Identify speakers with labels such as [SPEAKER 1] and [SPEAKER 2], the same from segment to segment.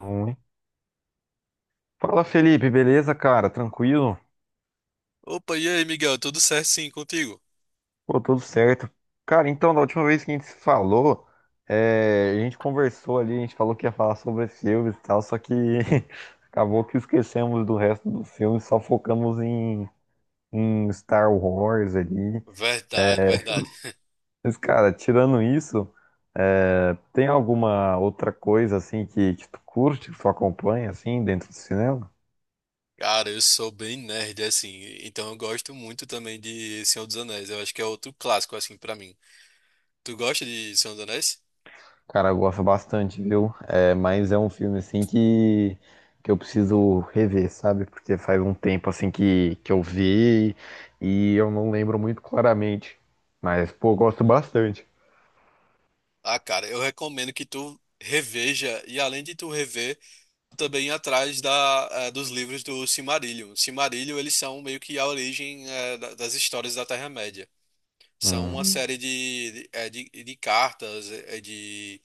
[SPEAKER 1] Ruim. Fala Felipe, beleza, cara? Tranquilo?
[SPEAKER 2] Opa, e aí, Miguel? Tudo certo sim contigo?
[SPEAKER 1] Pô, tudo certo. Cara, então, da última vez que a gente se falou, a gente conversou ali, a gente falou que ia falar sobre filmes e tal, só que acabou que esquecemos do resto do filme, só focamos em Star Wars ali.
[SPEAKER 2] Verdade,
[SPEAKER 1] É,
[SPEAKER 2] verdade.
[SPEAKER 1] Mas, cara, tirando isso, tem alguma outra coisa assim que tu curte, que tu acompanha assim dentro do cinema?
[SPEAKER 2] Cara, eu sou bem nerd, assim, então eu gosto muito também de Senhor dos Anéis. Eu acho que é outro clássico, assim, pra mim. Tu gosta de Senhor dos Anéis?
[SPEAKER 1] Cara, eu gosto bastante, viu? É, mas é um filme assim que eu preciso rever, sabe? Porque faz um tempo assim que eu vi e eu não lembro muito claramente. Mas, pô, eu gosto bastante.
[SPEAKER 2] Ah, cara, eu recomendo que tu reveja, e além de tu rever, tu também ir atrás dos livros do Silmarillion. Silmarillion, eles são meio que a origem, das histórias da Terra-média. São uma
[SPEAKER 1] Hum.
[SPEAKER 2] série de cartas, de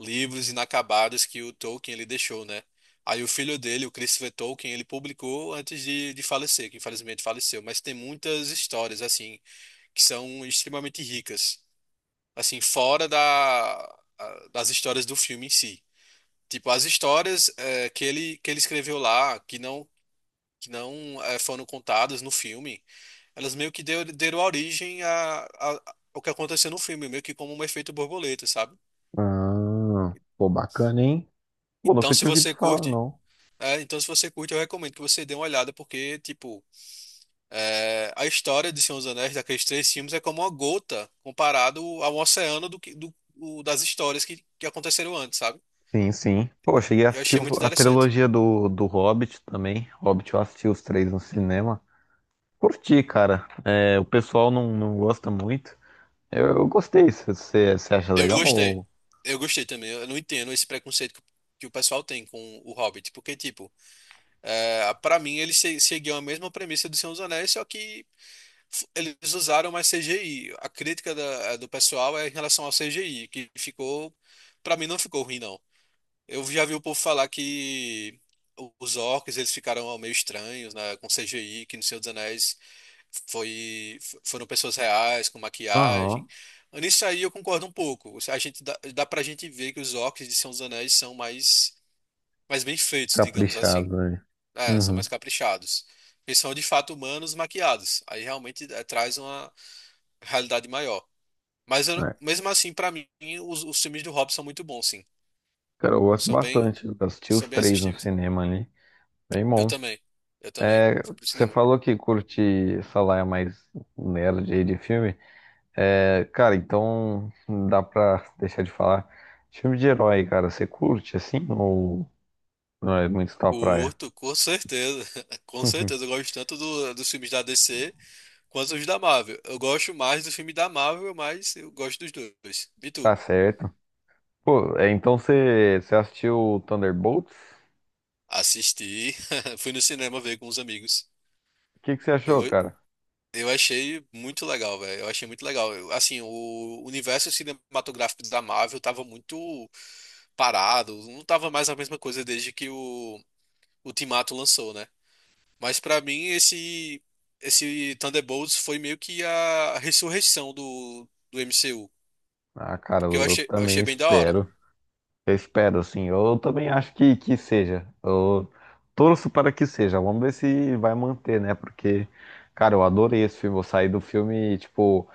[SPEAKER 2] livros inacabados que o Tolkien ele deixou, né? Aí o filho dele, o Christopher Tolkien, ele publicou antes de falecer, que infelizmente faleceu, mas tem muitas histórias assim que são extremamente ricas, assim fora da das histórias do filme em si. Tipo as histórias que ele escreveu lá, que não foram contadas no filme, elas meio que deram origem ao que aconteceu no filme, meio que como um efeito borboleta, sabe?
[SPEAKER 1] Ah, pô, bacana, hein? Pô,
[SPEAKER 2] Então,
[SPEAKER 1] nunca
[SPEAKER 2] se
[SPEAKER 1] tinha ouvido
[SPEAKER 2] você
[SPEAKER 1] falar,
[SPEAKER 2] curte
[SPEAKER 1] não.
[SPEAKER 2] É, então, se você curte, eu recomendo que você dê uma olhada, porque, tipo, é, a história de Senhor dos Anéis, daqueles três filmes, é como uma gota comparado ao oceano do, que- do- o- das histórias que aconteceram antes, sabe?
[SPEAKER 1] Sim, sim. Pô, eu cheguei a
[SPEAKER 2] Eu
[SPEAKER 1] assistir
[SPEAKER 2] achei muito
[SPEAKER 1] a
[SPEAKER 2] interessante.
[SPEAKER 1] trilogia do Hobbit também. Hobbit eu assisti os três no cinema. Curti, cara. É, o pessoal não gosta muito. Eu gostei. Você acha
[SPEAKER 2] Eu gostei.
[SPEAKER 1] legal?
[SPEAKER 2] Eu gostei também. Eu não entendo esse preconceito que o pessoal tem com o Hobbit, porque, tipo, é, para mim, ele se, seguiu a mesma premissa do Senhor dos Anéis, só que eles usaram mais CGI. A crítica do pessoal é em relação ao CGI, que ficou, pra mim, não ficou ruim, não. Eu já vi o povo falar que os orcs eles ficaram meio estranhos, né, com CGI, que no Senhor dos Anéis foram pessoas reais, com maquiagem.
[SPEAKER 1] Aham,
[SPEAKER 2] Nisso aí eu concordo um pouco. A gente dá pra gente ver que os orcs de Senhor dos Anéis são mais, mais bem feitos, digamos
[SPEAKER 1] caprichado,
[SPEAKER 2] assim.
[SPEAKER 1] né?
[SPEAKER 2] É, são mais
[SPEAKER 1] Uhum.
[SPEAKER 2] caprichados. Eles são de fato humanos maquiados. Aí realmente é, traz uma realidade maior.
[SPEAKER 1] É.
[SPEAKER 2] Mesmo assim, pra mim, os filmes do Hobbit são muito bons, sim.
[SPEAKER 1] Cara, eu gosto
[SPEAKER 2] São bem,
[SPEAKER 1] bastante. Eu assisti os
[SPEAKER 2] São bem
[SPEAKER 1] três no
[SPEAKER 2] assistíveis.
[SPEAKER 1] cinema ali. Bem
[SPEAKER 2] Eu
[SPEAKER 1] bom.
[SPEAKER 2] também. Eu também.
[SPEAKER 1] É,
[SPEAKER 2] Fui pro
[SPEAKER 1] você
[SPEAKER 2] cinema.
[SPEAKER 1] falou que curte essa laia mais nerd aí de filme. É, cara, então não dá pra deixar de falar. Filme de herói, cara, você curte assim? Ou não é muito sua praia?
[SPEAKER 2] Curto, com certeza. Com
[SPEAKER 1] Uhum.
[SPEAKER 2] certeza. Eu gosto tanto dos filmes da DC quanto os da Marvel. Eu gosto mais do filme da Marvel, mas eu gosto dos dois. E tu?
[SPEAKER 1] Tá certo. Pô, é, então você assistiu Thunderbolts?
[SPEAKER 2] Assisti. Fui no cinema ver com os amigos.
[SPEAKER 1] O que que você
[SPEAKER 2] Eu,
[SPEAKER 1] achou,
[SPEAKER 2] go-
[SPEAKER 1] cara?
[SPEAKER 2] eu achei muito legal, velho. Eu achei muito legal. Assim, o universo cinematográfico da Marvel tava muito parado. Não tava mais a mesma coisa desde que o Ultimato lançou, né? Mas pra mim esse Thunderbolts foi meio que a ressurreição do MCU,
[SPEAKER 1] Ah, cara,
[SPEAKER 2] porque
[SPEAKER 1] eu
[SPEAKER 2] eu
[SPEAKER 1] também
[SPEAKER 2] achei bem da hora.
[SPEAKER 1] espero. Eu espero, assim. Eu também acho que seja. Eu torço para que seja. Vamos ver se vai manter, né? Porque, cara, eu adorei esse filme. Eu saí do filme, tipo,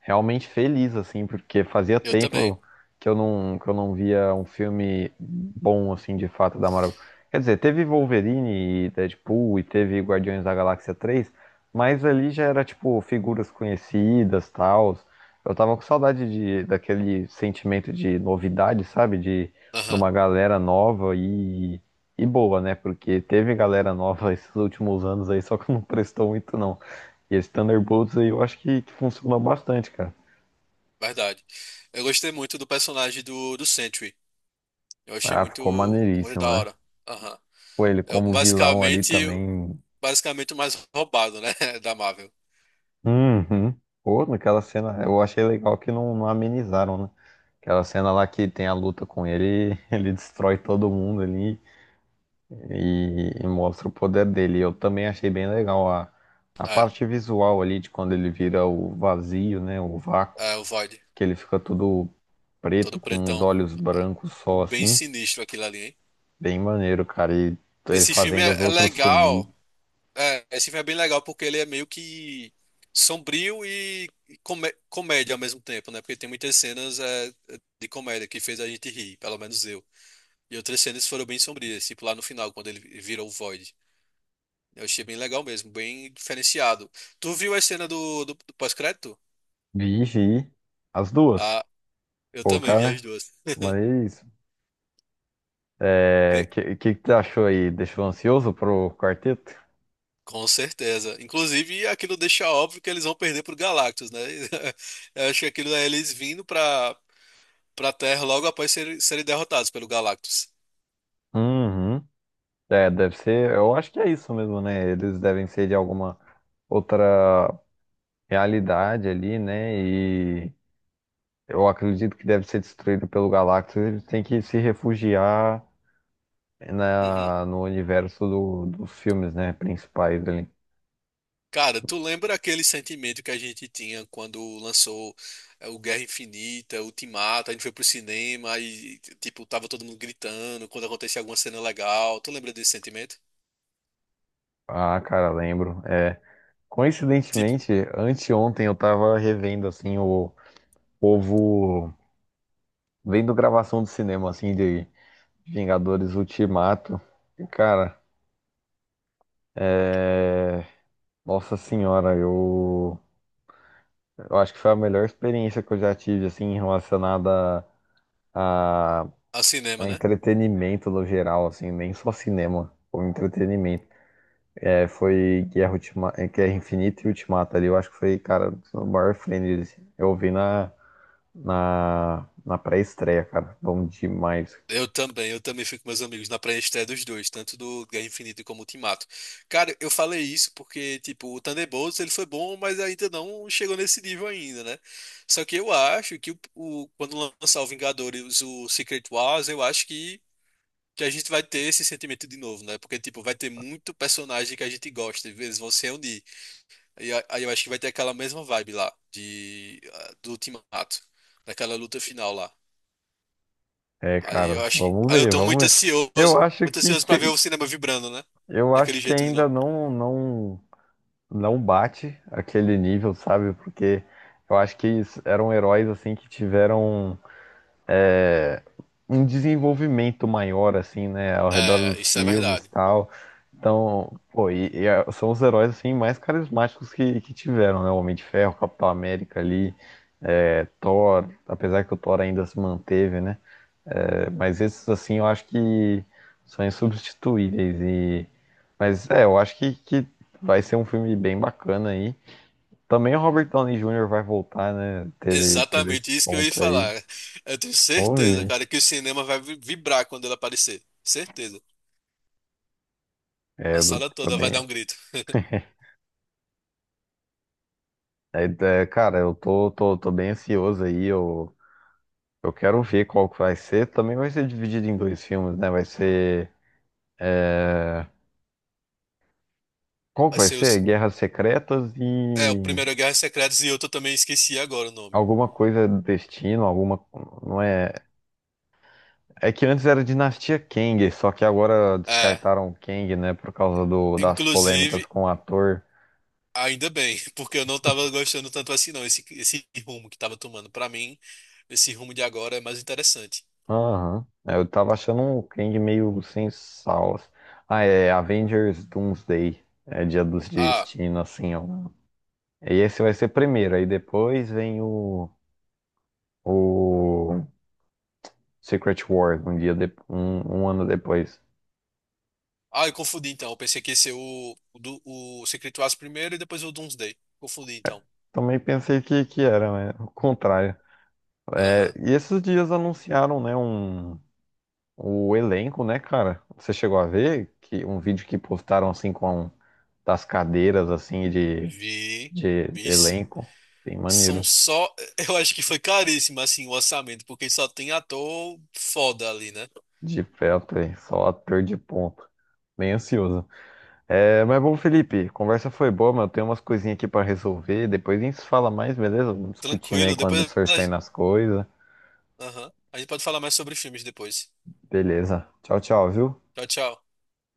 [SPEAKER 1] realmente feliz, assim, porque fazia
[SPEAKER 2] Eu também.
[SPEAKER 1] tempo que eu não via um filme bom, assim, de fato, da Marvel. Quer dizer, teve Wolverine e Deadpool e teve Guardiões da Galáxia 3, mas ali já era, tipo, figuras conhecidas, tal. Eu tava com saudade daquele sentimento de novidade, sabe? De
[SPEAKER 2] Aham,
[SPEAKER 1] uma galera nova e boa, né? Porque teve galera nova esses últimos anos aí, só que não prestou muito, não. E esse Thunderbolts aí eu acho que funciona bastante, cara.
[SPEAKER 2] verdade. Eu gostei muito do personagem do Sentry. Eu achei
[SPEAKER 1] Ah, ficou
[SPEAKER 2] muito muito da
[SPEAKER 1] maneiríssimo, né?
[SPEAKER 2] hora. Aham.
[SPEAKER 1] Pô, ele
[SPEAKER 2] É
[SPEAKER 1] como vilão ali
[SPEAKER 2] basicamente
[SPEAKER 1] também.
[SPEAKER 2] Basicamente o mais roubado, né, da Marvel.
[SPEAKER 1] Uhum. Pô, naquela cena, eu achei legal que não amenizaram, né? Aquela cena lá que tem a luta com ele, ele destrói todo mundo ali. E, e mostra o poder dele. Eu também achei bem legal a
[SPEAKER 2] É,
[SPEAKER 1] parte visual ali de quando ele vira o vazio, né? O vácuo,
[SPEAKER 2] é o Void,
[SPEAKER 1] que ele fica todo
[SPEAKER 2] todo
[SPEAKER 1] preto com os
[SPEAKER 2] pretão.
[SPEAKER 1] olhos
[SPEAKER 2] É.
[SPEAKER 1] brancos só
[SPEAKER 2] Bem
[SPEAKER 1] assim.
[SPEAKER 2] sinistro aquilo ali, hein?
[SPEAKER 1] Bem maneiro, cara. E ele
[SPEAKER 2] Esse filme
[SPEAKER 1] fazendo os
[SPEAKER 2] é é
[SPEAKER 1] outros sumir.
[SPEAKER 2] legal. É, esse filme é bem legal porque ele é meio que sombrio e comédia ao mesmo tempo, né? Porque tem muitas cenas é de comédia que fez a gente rir, pelo menos eu. E outras cenas foram bem sombrias, tipo lá no final, quando ele virou o Void. Eu achei bem legal mesmo, bem diferenciado. Tu viu a cena do pós-crédito?
[SPEAKER 1] Vixe, as duas.
[SPEAKER 2] Ah, eu
[SPEAKER 1] Pô,
[SPEAKER 2] também vi as
[SPEAKER 1] cara,
[SPEAKER 2] duas.
[SPEAKER 1] mas.
[SPEAKER 2] Bem,
[SPEAKER 1] É, que tu achou aí? Deixou ansioso pro quarteto?
[SPEAKER 2] com certeza. Inclusive, aquilo deixa óbvio que eles vão perder pro Galactus, né? Eu acho que aquilo é eles vindo pra Terra logo após serem derrotados pelo Galactus.
[SPEAKER 1] Uhum. É, deve ser. Eu acho que é isso mesmo, né? Eles devem ser de alguma outra realidade ali, né? E eu acredito que deve ser destruído pelo Galactus. Ele tem que se refugiar
[SPEAKER 2] Uhum.
[SPEAKER 1] no universo dos filmes, né? Principais ali.
[SPEAKER 2] Cara, tu lembra aquele sentimento que a gente tinha quando lançou o Guerra Infinita, o Ultimato, a gente foi pro cinema e, tipo, tava todo mundo gritando quando acontecia alguma cena legal. Tu lembra desse sentimento?
[SPEAKER 1] Ah, cara, lembro. É,
[SPEAKER 2] Tipo,
[SPEAKER 1] coincidentemente, anteontem eu tava revendo, assim, o povo vendo gravação do cinema, assim, de Vingadores Ultimato. E, cara, é... Nossa senhora, eu acho que foi a melhor experiência que eu já tive, assim, relacionada a,
[SPEAKER 2] a cinema,
[SPEAKER 1] a
[SPEAKER 2] né?
[SPEAKER 1] entretenimento no geral, assim, nem só cinema, o entretenimento. É, foi Guerra Infinita e Ultimata ali, eu acho que foi, cara, o maior friend, assim. Eu vi na pré-estreia, cara, bom demais.
[SPEAKER 2] Eu também fico com meus amigos na pré-estreia dos dois, tanto do Guerra Infinita como Ultimato. Cara, eu falei isso porque, tipo, o Thunderbolts ele foi bom, mas ainda não chegou nesse nível ainda, né? Só que eu acho que quando lançar o Vingadores, o Secret Wars, eu acho que a gente vai ter esse sentimento de novo, né? Porque, tipo, vai ter muito personagem que a gente gosta, e eles vão se reunir. E aí eu acho que vai ter aquela mesma vibe lá, de, ah, do Ultimato, daquela luta final lá.
[SPEAKER 1] É,
[SPEAKER 2] Aí
[SPEAKER 1] cara,
[SPEAKER 2] eu acho que.
[SPEAKER 1] vamos
[SPEAKER 2] Aí eu
[SPEAKER 1] ver,
[SPEAKER 2] tô
[SPEAKER 1] vamos ver. Eu acho
[SPEAKER 2] muito
[SPEAKER 1] que,
[SPEAKER 2] ansioso pra ver
[SPEAKER 1] que
[SPEAKER 2] o cinema vibrando, né?
[SPEAKER 1] eu acho
[SPEAKER 2] Daquele
[SPEAKER 1] que
[SPEAKER 2] jeito de
[SPEAKER 1] ainda
[SPEAKER 2] novo.
[SPEAKER 1] não bate aquele nível, sabe? Porque eu acho que eles eram heróis assim que tiveram é, um desenvolvimento maior, assim, né, ao redor
[SPEAKER 2] É,
[SPEAKER 1] dos
[SPEAKER 2] isso é
[SPEAKER 1] filmes e
[SPEAKER 2] verdade.
[SPEAKER 1] tal. Então, pô, são os heróis, assim, mais carismáticos que tiveram, né? O Homem de Ferro, Capitão América ali, é, Thor, apesar que o Thor ainda se manteve, né? É, mas esses, assim, eu acho que são insubstituíveis e... Mas, é, eu acho que vai ser um filme bem bacana aí. Também o Robert Downey Jr. vai voltar, né? Teve
[SPEAKER 2] Exatamente
[SPEAKER 1] esse
[SPEAKER 2] isso que eu ia
[SPEAKER 1] ponto aí.
[SPEAKER 2] falar. Eu tenho certeza,
[SPEAKER 1] Houve,
[SPEAKER 2] cara, que o cinema vai vibrar quando ele aparecer. Certeza.
[SPEAKER 1] é,
[SPEAKER 2] A
[SPEAKER 1] eu
[SPEAKER 2] sala toda vai
[SPEAKER 1] também
[SPEAKER 2] dar um grito.
[SPEAKER 1] é, é, cara, tô bem ansioso aí. Eu quero ver qual que vai ser. Também vai ser dividido em dois filmes, né? Vai ser. É, qual que
[SPEAKER 2] Vai
[SPEAKER 1] vai
[SPEAKER 2] ser os...
[SPEAKER 1] ser? Guerras Secretas
[SPEAKER 2] É, o
[SPEAKER 1] e
[SPEAKER 2] primeiro Guerra Secretas e outro eu também esqueci agora o nome.
[SPEAKER 1] alguma coisa do destino, alguma. Não é. É que antes era Dinastia Kang, só que agora
[SPEAKER 2] É,
[SPEAKER 1] descartaram o Kang, né? Por causa do, das polêmicas
[SPEAKER 2] inclusive,
[SPEAKER 1] com o ator.
[SPEAKER 2] ainda bem, porque eu não tava gostando tanto assim não, esse rumo que tava tomando. Pra mim, esse rumo de agora é mais interessante.
[SPEAKER 1] Aham. É, eu tava achando o Kang meio sem sal, assim. Ah, é Avengers Doomsday. É Dia dos
[SPEAKER 2] Ah.
[SPEAKER 1] Destinos, assim, ó. E esse vai ser primeiro, aí depois vem o Secret Wars, um um ano depois.
[SPEAKER 2] Ah, eu confundi então. Eu pensei que ia ser o Secret Wars primeiro e depois o Doomsday. Confundi então.
[SPEAKER 1] Também pensei que era, né? O contrário. É,
[SPEAKER 2] Aham.
[SPEAKER 1] e esses dias anunciaram, né, um, o elenco, né, cara? Você chegou a ver que um vídeo que postaram assim com das cadeiras assim
[SPEAKER 2] Vi.
[SPEAKER 1] de
[SPEAKER 2] Vi. se-
[SPEAKER 1] elenco? Bem
[SPEAKER 2] São
[SPEAKER 1] maneiro.
[SPEAKER 2] só. Eu acho que foi caríssimo assim o orçamento, porque só tem ator foda ali, né?
[SPEAKER 1] De perto, hein? Só ator de ponta. Bem ansioso. É, mas bom, Felipe, conversa foi boa, mas eu tenho umas coisinhas aqui pra resolver. Depois a gente se fala mais, beleza? Vamos discutindo aí
[SPEAKER 2] Tranquilo.
[SPEAKER 1] quando for saindo as coisas.
[SPEAKER 2] Aham. A gente pode falar mais sobre filmes depois.
[SPEAKER 1] Beleza. Tchau, tchau, viu?
[SPEAKER 2] Tchau, tchau.